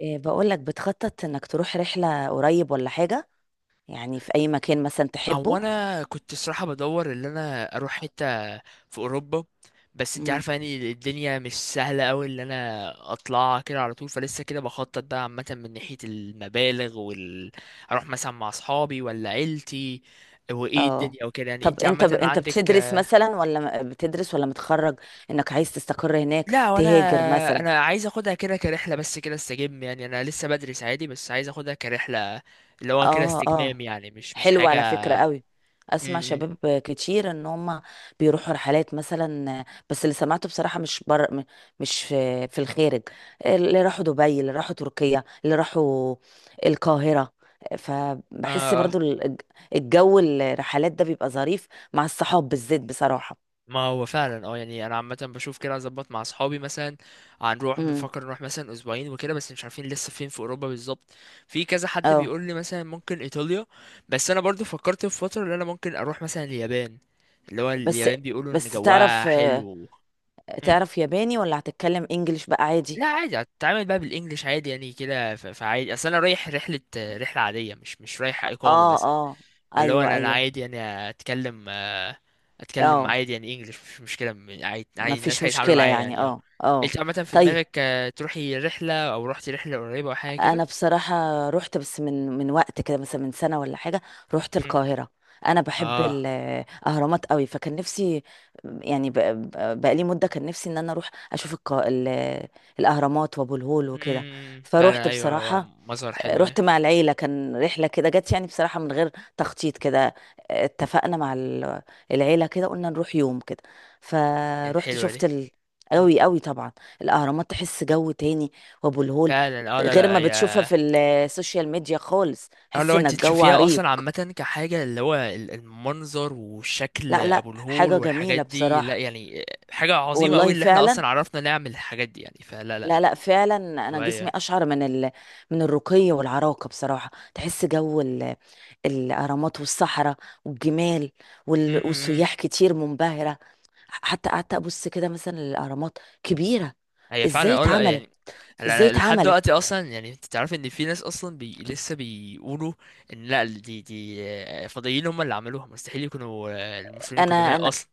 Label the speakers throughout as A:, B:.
A: إيه بقول لك بتخطط انك تروح رحلة قريب ولا حاجة؟ يعني في اي مكان مثلا
B: هو
A: تحبه؟
B: انا كنت الصراحه بدور ان انا اروح حته في اوروبا. بس انت
A: مم.
B: عارفه، يعني الدنيا مش سهله قوي ان انا اطلع كده على طول، فلسه كده بخطط بقى عامه من ناحيه المبالغ اروح مثلا مع اصحابي ولا عيلتي، وايه
A: اه.
B: الدنيا وكده، يعني
A: طب
B: انت
A: انت
B: عامه
A: انت
B: عندك.
A: بتدرس مثلا ولا بتدرس ولا متخرج؟ انك عايز تستقر هناك،
B: لا، وانا
A: تهاجر مثلا؟
B: انا عايز اخدها كده كرحله، بس كده استجم، يعني انا لسه بدرس عادي بس عايز اخدها كرحله اللي هو كده
A: اه اه.
B: استجمام، يعني مش
A: حلو
B: حاجه.
A: على فكرة قوي.
B: م-
A: اسمع
B: م.
A: شباب كتير ان هم بيروحوا رحلات مثلا، بس اللي سمعته بصراحة مش مش في الخارج. اللي راحوا دبي، اللي راحوا تركيا، اللي راحوا القاهرة. فبحس
B: اه،
A: برضو الجو الرحلات ده بيبقى ظريف مع الصحاب بالذات بصراحة.
B: ما هو فعلا، يعني انا عامه بشوف كده اظبط مع اصحابي مثلا، هنروح،
A: امم
B: بنفكر نروح مثلا اسبوعين وكده، بس مش عارفين لسه فين في اوروبا بالظبط. في كذا حد
A: اه.
B: بيقول لي مثلا ممكن ايطاليا، بس انا برضو فكرت في فتره ان انا ممكن اروح مثلا اليابان، اللي هو
A: بس
B: اليابان بيقولوا ان
A: بس
B: جواها
A: تعرف
B: حلو. مم.
A: تعرف ياباني ولا هتتكلم انجليش بقى عادي؟
B: لا عادي، هتتعامل بقى بالانجلش عادي يعني كده، فعادي، اصل انا رايح رحله عاديه، مش رايح اقامه
A: اه
B: مثلا.
A: اه،
B: فاللي هو
A: ايوه
B: انا،
A: ايوه،
B: عادي يعني، اتكلم اتكلم
A: اه،
B: عادي يعني، انجلش مش مشكله، عادي
A: ما
B: عادي
A: فيش
B: الناس هيتعاملوا
A: مشكلة
B: معايا
A: يعني،
B: يعني اه.
A: اه اه.
B: انت عامه في
A: طيب
B: دماغك، تروحي رحله او رحتي رحله قريبه او حاجه
A: انا
B: كده؟
A: بصراحة رحت، بس من وقت كده مثلا، من سنة ولا حاجة، رحت
B: مم.
A: القاهرة. انا بحب
B: اه،
A: الاهرامات قوي، فكان نفسي يعني بقالي مدة كان نفسي ان انا اروح اشوف الاهرامات وابو الهول وكده. فروحت
B: فعلا، ايوه، هو
A: بصراحة،
B: مظهر حلو
A: رحت
B: ايه.
A: مع العيلة، كان رحلة كده جت يعني بصراحة من غير تخطيط كده. اتفقنا مع العيلة كده قلنا نروح يوم كده،
B: كانت
A: فروحت
B: حلوه
A: شفت
B: دي. مم.
A: قوي قوي طبعا. الأهرامات تحس جو تاني، وأبو الهول
B: فعلا اه، لا
A: غير ما
B: لا،
A: بتشوفها في السوشيال ميديا خالص.
B: اه،
A: حس
B: لو
A: إن
B: انت
A: الجو
B: تشوفيها
A: عريق.
B: اصلا عامه كحاجه اللي هو المنظر والشكل
A: لا لا،
B: ابو الهول
A: حاجة جميلة
B: والحاجات دي، لا
A: بصراحة.
B: يعني، حاجه عظيمه قوي
A: والله
B: اللي احنا
A: فعلا،
B: اصلا عرفنا نعمل الحاجات دي يعني، فلا
A: لا
B: لا.
A: لا فعلا، انا جسمي
B: طبيعي
A: اشعر من من الرقي والعراقه بصراحه. تحس جو الاهرامات والصحراء والجمال
B: يعني،
A: والسياح كتير منبهره. حتى قعدت ابص كده مثلا للاهرامات كبيره،
B: هي
A: ازاي
B: فعلا اه، لا
A: اتعملت،
B: يعني، انا
A: ازاي
B: أنا لحد
A: اتعملت.
B: دلوقتي اصلا يعني، انت تعرف ان في ناس اصلا لسه بيقولوا ان لا، دي، فضائيين هم اللي عملوها، مستحيل يكونوا المسلمين
A: انا
B: القدماء
A: انا
B: اصلا.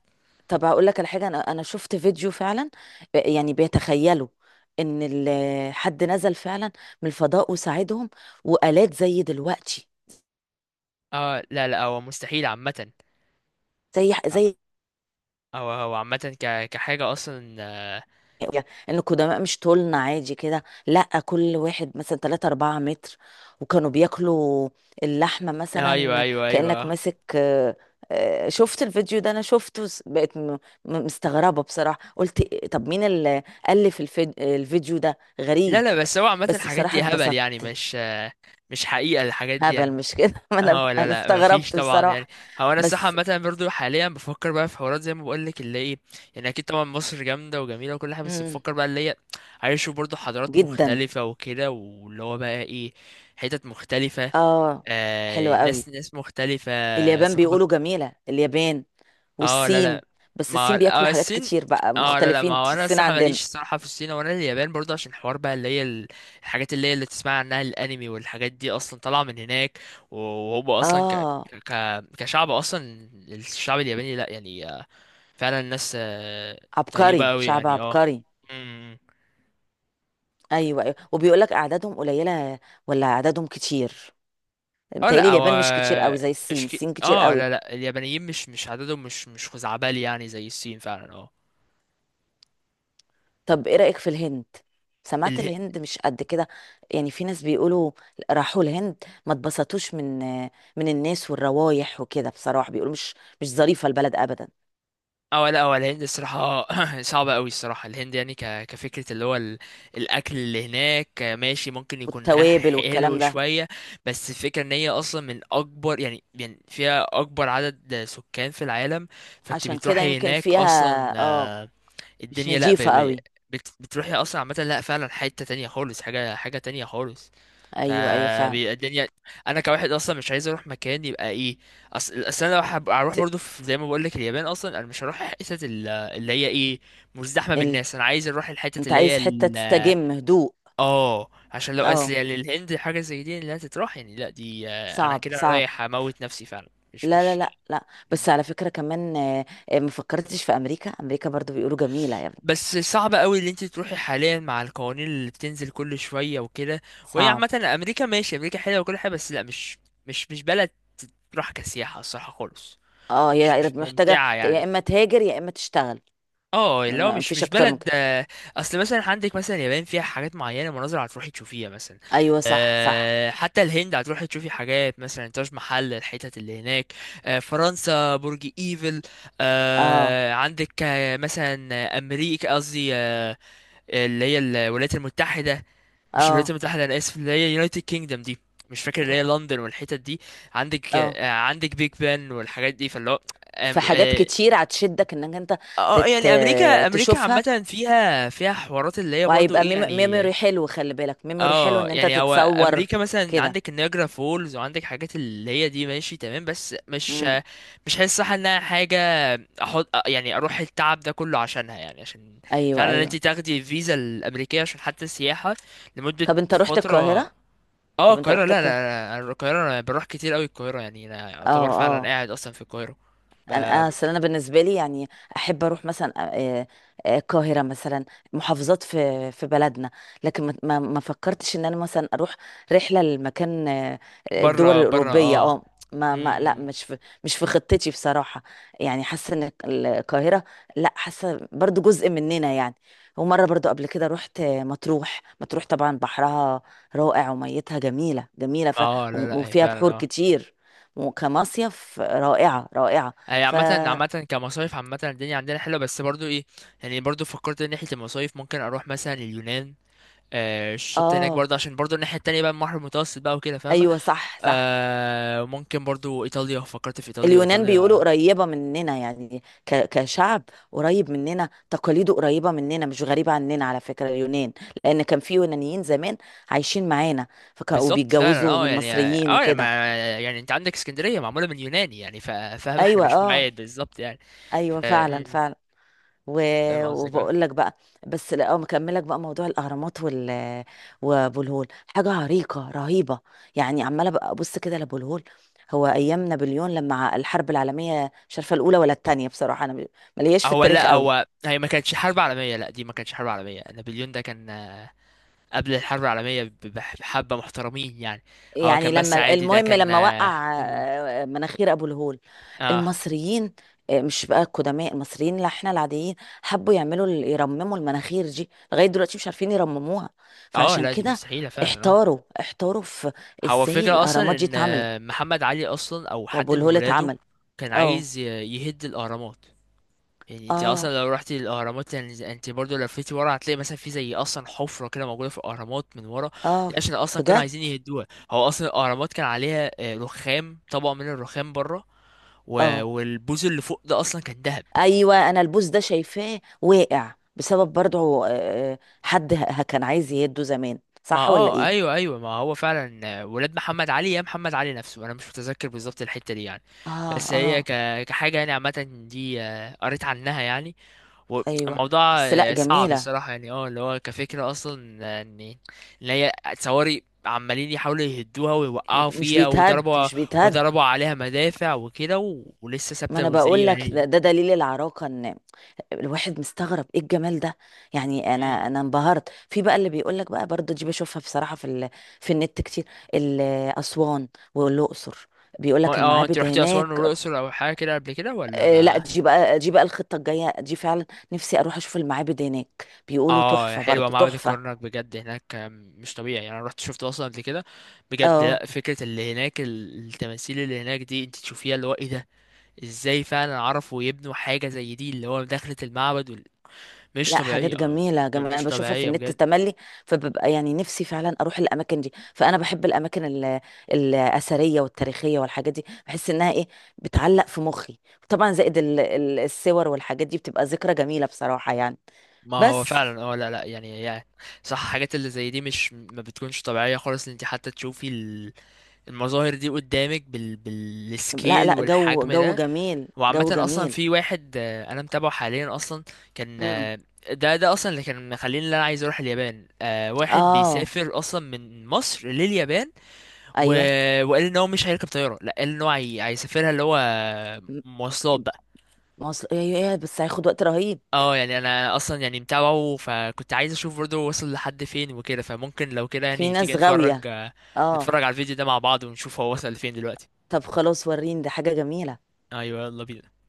A: طب هقول لك على حاجه، انا شفت فيديو فعلا يعني بيتخيلوا ان حد نزل فعلا من الفضاء وساعدهم، والات زي دلوقتي،
B: اه لا لا، هو مستحيل عامة،
A: زي
B: او هو عامة كحاجة اصلا،
A: ان القدماء مش طولنا عادي كده، لا، كل واحد مثلا 3 4 متر، وكانوا بياكلوا اللحمه
B: ايوه
A: مثلا
B: ايوه ايوه.
A: كانك
B: آه.
A: ماسك شفت الفيديو ده؟ انا شفته مستغربه بصراحه، قلت طب مين اللي الفيديو ده غريب.
B: لا لا، بس هو عامة
A: بس
B: الحاجات
A: بصراحه
B: دي هبل
A: اتبسطت.
B: يعني، مش، مش حقيقة الحاجات دي
A: هبل
B: يعني.
A: مش كده؟ ما انا
B: اه لا
A: انا
B: لا، مفيش
A: استغربت
B: طبعا يعني.
A: بصراحه.
B: هو انا الصراحه
A: بس
B: عامه برضو حاليا بفكر بقى في حوارات زي ما بقول لك اللي ايه، يعني اكيد طبعا مصر جامده وجميله وكل حاجه، بس
A: مم،
B: بفكر بقى اللي هي عايز اشوف برضو حضارات
A: جدا،
B: مختلفه وكده، واللي هو بقى ايه، حتت مختلفه،
A: اه. حلوه قوي.
B: ناس مختلفه،
A: اليابان
B: ثقافات.
A: بيقولوا جميله، اليابان
B: اه لا
A: والصين.
B: لا.
A: بس
B: ما
A: الصين بياكلوا حاجات
B: الصين.
A: كتير، بقى
B: اه لا لا، ما
A: مختلفين
B: هو انا
A: الصين
B: الصراحه
A: عندنا.
B: ماليش الصراحه في الصين ولا اليابان برضه، عشان حوار بقى اللي هي الحاجات اللي هي اللي تسمع عنها الانمي والحاجات دي اصلا طالعه من هناك، وهو اصلا
A: اه،
B: كشعب اصلا. الشعب الياباني، لا يعني، فعلا الناس،
A: عبقري،
B: طيبه قوي
A: شعب
B: يعني اه.
A: عبقري.
B: امم
A: ايوه ايوه، وبيقول لك اعدادهم قليله ولا اعدادهم كتير؟
B: اه
A: متهيألي
B: لا، هو
A: اليابان مش كتير قوي زي الصين.
B: مش كي...
A: الصين كتير
B: اه،
A: قوي.
B: لا لا، اليابانيين مش، عددهم مش خزعبلي يعني زي الصين فعلا اه.
A: طب ايه رأيك في الهند؟ سمعت الهند مش قد كده، يعني في ناس بيقولوا راحوا الهند، ما اتبسطوش من الناس والروايح وكده، بصراحة بيقولوا مش ظريفة البلد ابدا.
B: اه لا، هو الهند الصراحة صعبة قوي الصراحة، الهند يعني كفكرة، اللي هو الأكل اللي هناك ماشي، ممكن يكون ها
A: والتوابل والكلام
B: حلو
A: ده.
B: شوية، بس الفكرة إن هي أصلا من أكبر، يعني فيها أكبر عدد سكان في العالم، فأنت
A: عشان كده
B: بتروحي
A: يمكن
B: هناك
A: فيها،
B: أصلا
A: اه، مش
B: الدنيا لا،
A: نظيفة قوي.
B: بتروحي أصلا عامة، لا فعلا حتة تانية خالص، حاجة تانية خالص،
A: ايوه ايوه فعلا.
B: فبيبقى الدنيا. انا كواحد اصلا مش عايز اروح مكان يبقى ايه، اصل انا لو
A: ت...
B: هروح برضو في زي ما بقول لك اليابان، اصلا انا مش هروح الحتت اللي هي ايه، مزدحمه
A: ال...
B: بالناس، انا عايز اروح الحتت
A: انت
B: اللي هي
A: عايز حتة تستجم، هدوء؟
B: اه، عشان لو اصل
A: اه،
B: يعني الهند حاجه زي دي اللي هتتروح يعني، لا دي، انا
A: صعب
B: كده
A: صعب.
B: رايح اموت نفسي فعلا، مش
A: لا لا
B: مش.
A: لا لا، بس
B: مم.
A: على فكرة كمان ما فكرتش في امريكا؟ امريكا برضو بيقولوا جميلة يا ابني.
B: بس صعب قوي اللي انت تروحي حاليا مع القوانين اللي بتنزل كل شويه وكده، وهي
A: صعب.
B: عامه امريكا ماشي، امريكا حلوه وكل حاجه، بس لا، مش بلد تروح كسياحه الصراحه خالص،
A: اه،
B: مش
A: هي
B: مش
A: محتاجة
B: ممتعة
A: يا
B: يعني،
A: اما تهاجر يا اما تشتغل،
B: اه
A: ما
B: اللي هو
A: ما
B: مش
A: فيش
B: مش
A: اكتر من
B: بلد،
A: كده.
B: اصل مثلا عندك مثلا اليابان فيها حاجات معينة، مناظر هتروحي تشوفيها مثلا،
A: ايوه صح صح.
B: حتى الهند هتروحي تشوفي حاجات مثلا تاج محل، الحتت اللي هناك، فرنسا برج ايفل،
A: اه
B: عندك، مثلا امريكا قصدي، اللي هي الولايات المتحدة. مش الولايات
A: اه.
B: المتحدة، انا اسف، اللي هي يونايتد كينجدم دي، مش فاكر، اللي هي
A: مم.
B: لندن والحتت دي، عندك
A: اه.
B: بيج بان والحاجات دي، فاللي هو
A: في حاجات كتير هتشدك انك انت
B: اه،
A: تت...
B: يعني امريكا،
A: تشوفها،
B: عامه فيها حوارات اللي هي برضو
A: وهيبقى
B: ايه يعني،
A: ميموري حلو، خلي بالك، ميموري حلو
B: اه،
A: ان انت
B: يعني هو
A: تتصور
B: امريكا مثلا
A: كده.
B: عندك النياجرا فولز وعندك حاجات اللي هي دي ماشي تمام، بس مش حاسس صح انها حاجه احط، يعني اروح التعب ده كله عشانها، يعني عشان
A: ايوه
B: فعلا
A: ايوه.
B: انت تاخدي الفيزا الامريكيه عشان حتى السياحه لمده
A: طب انت رحت
B: فتره.
A: القاهرة؟
B: اه
A: طب انت
B: القاهره، لا
A: رحت
B: لا
A: القاهرة؟
B: لا، أنا القاهره انا بروح كتير قوي القاهره، يعني انا
A: اه
B: اعتبر فعلا
A: آه.
B: قاعد اصلا في القاهره،
A: انا
B: ب-
A: اصل انا بالنسبه لي يعني احب اروح مثلا القاهره مثلا، محافظات في بلدنا، لكن ما فكرتش ان انا مثلا اروح رحله لمكان
B: بره
A: الدول
B: بره
A: الاوروبيه،
B: اه.
A: اه. ما ما
B: مم.
A: لا، مش في، مش في خطتي بصراحه. يعني حاسه ان القاهره، لا، حاسه برضو جزء مننا يعني. ومره برضو قبل كده رحت مطروح. مطروح طبعا بحرها رائع وميتها جميله جميله
B: اه لا لا، هي
A: وفيها
B: فعلا
A: بحور
B: اه.
A: كتير، وكمصيف رائعه رائعه.
B: هي
A: ف
B: عامة كمصايف، عامة الدنيا عندنا حلوة، بس برضو ايه، يعني برضو فكرت ان ناحية المصايف ممكن اروح مثلا اليونان، الشط هناك
A: اه
B: برضو، عشان برضو الناحية التانية بقى البحر المتوسط بقى وكده فاهمة،
A: ايوه صح صح.
B: ممكن برضو ايطاليا، فكرت في ايطاليا
A: اليونان بيقولوا
B: ايطاليا.
A: قريبة مننا يعني كشعب، قريب مننا، تقاليده قريبة مننا، مش غريبة عننا على فكرة اليونان، لأن كان في يونانيين زمان عايشين معانا، فكانوا
B: بالظبط فعلا
A: وبيتجوزوا
B: اه،
A: من
B: يعني
A: مصريين
B: يعني،
A: وكده.
B: ما يعني انت عندك اسكندرية معمولة من يوناني، يعني فاهم، احنا
A: أيوة
B: مش
A: اه،
B: بعيد بالظبط يعني.
A: أيوة
B: ف-
A: فعلا
B: م- م.
A: فعلا. و...
B: فاهم قصدك اه.
A: وبقول لك بقى، بس لا، مكملك بقى موضوع الاهرامات وابو الهول، حاجه عريقه رهيبه يعني. عماله بقى ابص كده لابو الهول. هو ايام نابليون لما الحرب العالميه، مش عارفه الاولى ولا الثانيه بصراحه، انا مالياش في
B: هو
A: التاريخ
B: لا،
A: قوي،
B: هي ما كانتش حرب عالمية، لا دي ما كانتش حرب عالمية، نابليون ده كان قبل الحرب العالمية بحبة محترمين يعني، هو
A: يعني
B: كان
A: لما،
B: بس عادي، ده
A: المهم،
B: كان
A: لما
B: اه
A: وقع مناخير ابو الهول،
B: اه.
A: المصريين مش بقى القدماء، المصريين اللي احنا العاديين، حبوا يعملوا، يرمموا المناخير دي، لغايه دلوقتي مش عارفين يرمموها. فعشان
B: لا دي
A: كده
B: مستحيلة فعلا اه.
A: احتاروا في
B: هو
A: ازاي
B: الفكرة
A: الاهرامات
B: اصلا
A: دي
B: ان
A: اتعملت
B: محمد علي اصلا او
A: وابو
B: حد من
A: الهول
B: ولاده
A: اتعمل.
B: كان
A: اه
B: عايز يهد الاهرامات، يعني انت
A: اه
B: اصلا لو رحتي الاهرامات يعني، انت برضو لفيتي ورا هتلاقي مثلا في زي اصلا حفرة كده موجودة في الاهرامات من ورا،
A: اه،
B: دي عشان اصلا كانوا
A: بجد.
B: عايزين يهدوها، هو اصلا الاهرامات كان عليها، رخام، طبقة من الرخام بره،
A: اه
B: والبوز اللي فوق ده اصلا كان ذهب.
A: ايوه، انا البوز ده شايفاه واقع بسبب برضه حد كان عايز يهده زمان،
B: ما
A: صح ولا
B: اه
A: ايه؟
B: ايوه ايوه، ما هو فعلا ولاد محمد علي يا محمد علي نفسه، انا مش متذكر بالظبط الحته دي يعني،
A: اه
B: بس هي
A: اه
B: كحاجه يعني عامه دي، قريت عنها يعني،
A: ايوه.
B: والموضوع
A: بس لا
B: صعب
A: جميله.
B: الصراحه يعني، اللي هو كفكره اصلا، ان هي تصوري عمالين يحاولوا يهدوها ويوقعوا
A: مش
B: فيها،
A: بيتهد، مش بيتهد.
B: وضربوا عليها مدافع وكده، ولسه
A: ما انا
B: ثابته
A: بقول
B: زي ما
A: لك،
B: هي.
A: ده دليل العراقه، ان الواحد مستغرب ايه الجمال ده. يعني انا
B: مم.
A: انا انبهرت في بقى اللي بيقول لك بقى، برضه دي بشوفها بصراحه في في النت كتير، ال- اسوان والاقصر، بيقول لك
B: ما انت
A: المعابد
B: رحتي اسوان
A: هناك
B: والاقصر او حاجه كده قبل كده ولا
A: لا،
B: ما؟
A: دي بقى، دي بقى الخطه الجايه دي فعلا. نفسي اروح اشوف المعابد هناك، بيقولوا
B: اه
A: تحفه،
B: حلوه،
A: برضه
B: معبد
A: تحفه.
B: الكرنك بجد هناك، مش طبيعي يعني، انا رحت شفت اصلا قبل كده بجد،
A: اه،
B: لا فكره اللي هناك التماثيل اللي هناك دي انت تشوفيها اللي هو ايه ده، ازاي فعلا عرفوا يبنوا حاجه زي دي، اللي هو دخلة المعبد مش
A: لا حاجات
B: طبيعيه،
A: جميلة جميلة،
B: مش
A: أنا بشوفها في
B: طبيعيه
A: النت
B: بجد.
A: تملي. فببقى يعني نفسي فعلا أروح الأماكن دي، فأنا بحب الأماكن الأثرية والتاريخية والحاجات دي، بحس إنها إيه، بتعلق في مخي. طبعا زائد الصور والحاجات دي بتبقى ذكرى جميلة بصراحة يعني.
B: ما هو
A: بس
B: فعلا لا لا يعني صح، حاجات اللي زي دي مش ما بتكونش طبيعيه خالص ان انت حتى تشوفي المظاهر دي قدامك
A: لا
B: بالسكيل
A: لا، جو
B: والحجم
A: جو
B: ده.
A: جميل،
B: وعامة
A: جو
B: أصلا
A: جميل.
B: في واحد، أنا متابعه حاليا أصلا، كان
A: امم،
B: ده أصلا اللي كان مخليني اللي أنا عايز أروح اليابان، واحد
A: آه،
B: بيسافر أصلا من مصر لليابان و...
A: أيوه.
B: وقال إن هو مش هيركب طيارة، لأ، قال إن هو هيسافرها اللي هو
A: م-
B: مواصلات بقى.
A: مصر. أيوه أيوة، بس هياخد وقت رهيب.
B: اه، يعني أنا أصلا يعني متابعه، فكنت عايز أشوف برضه وصل لحد فين وكده، فممكن لو كده
A: في
B: يعني
A: ناس
B: تيجي
A: غاوية، آه.
B: نتفرج على الفيديو ده مع بعض، ونشوف هو وصل لفين دلوقتي.
A: طب خلاص، وريني، ده حاجة جميلة.
B: أيوه يلا بينا.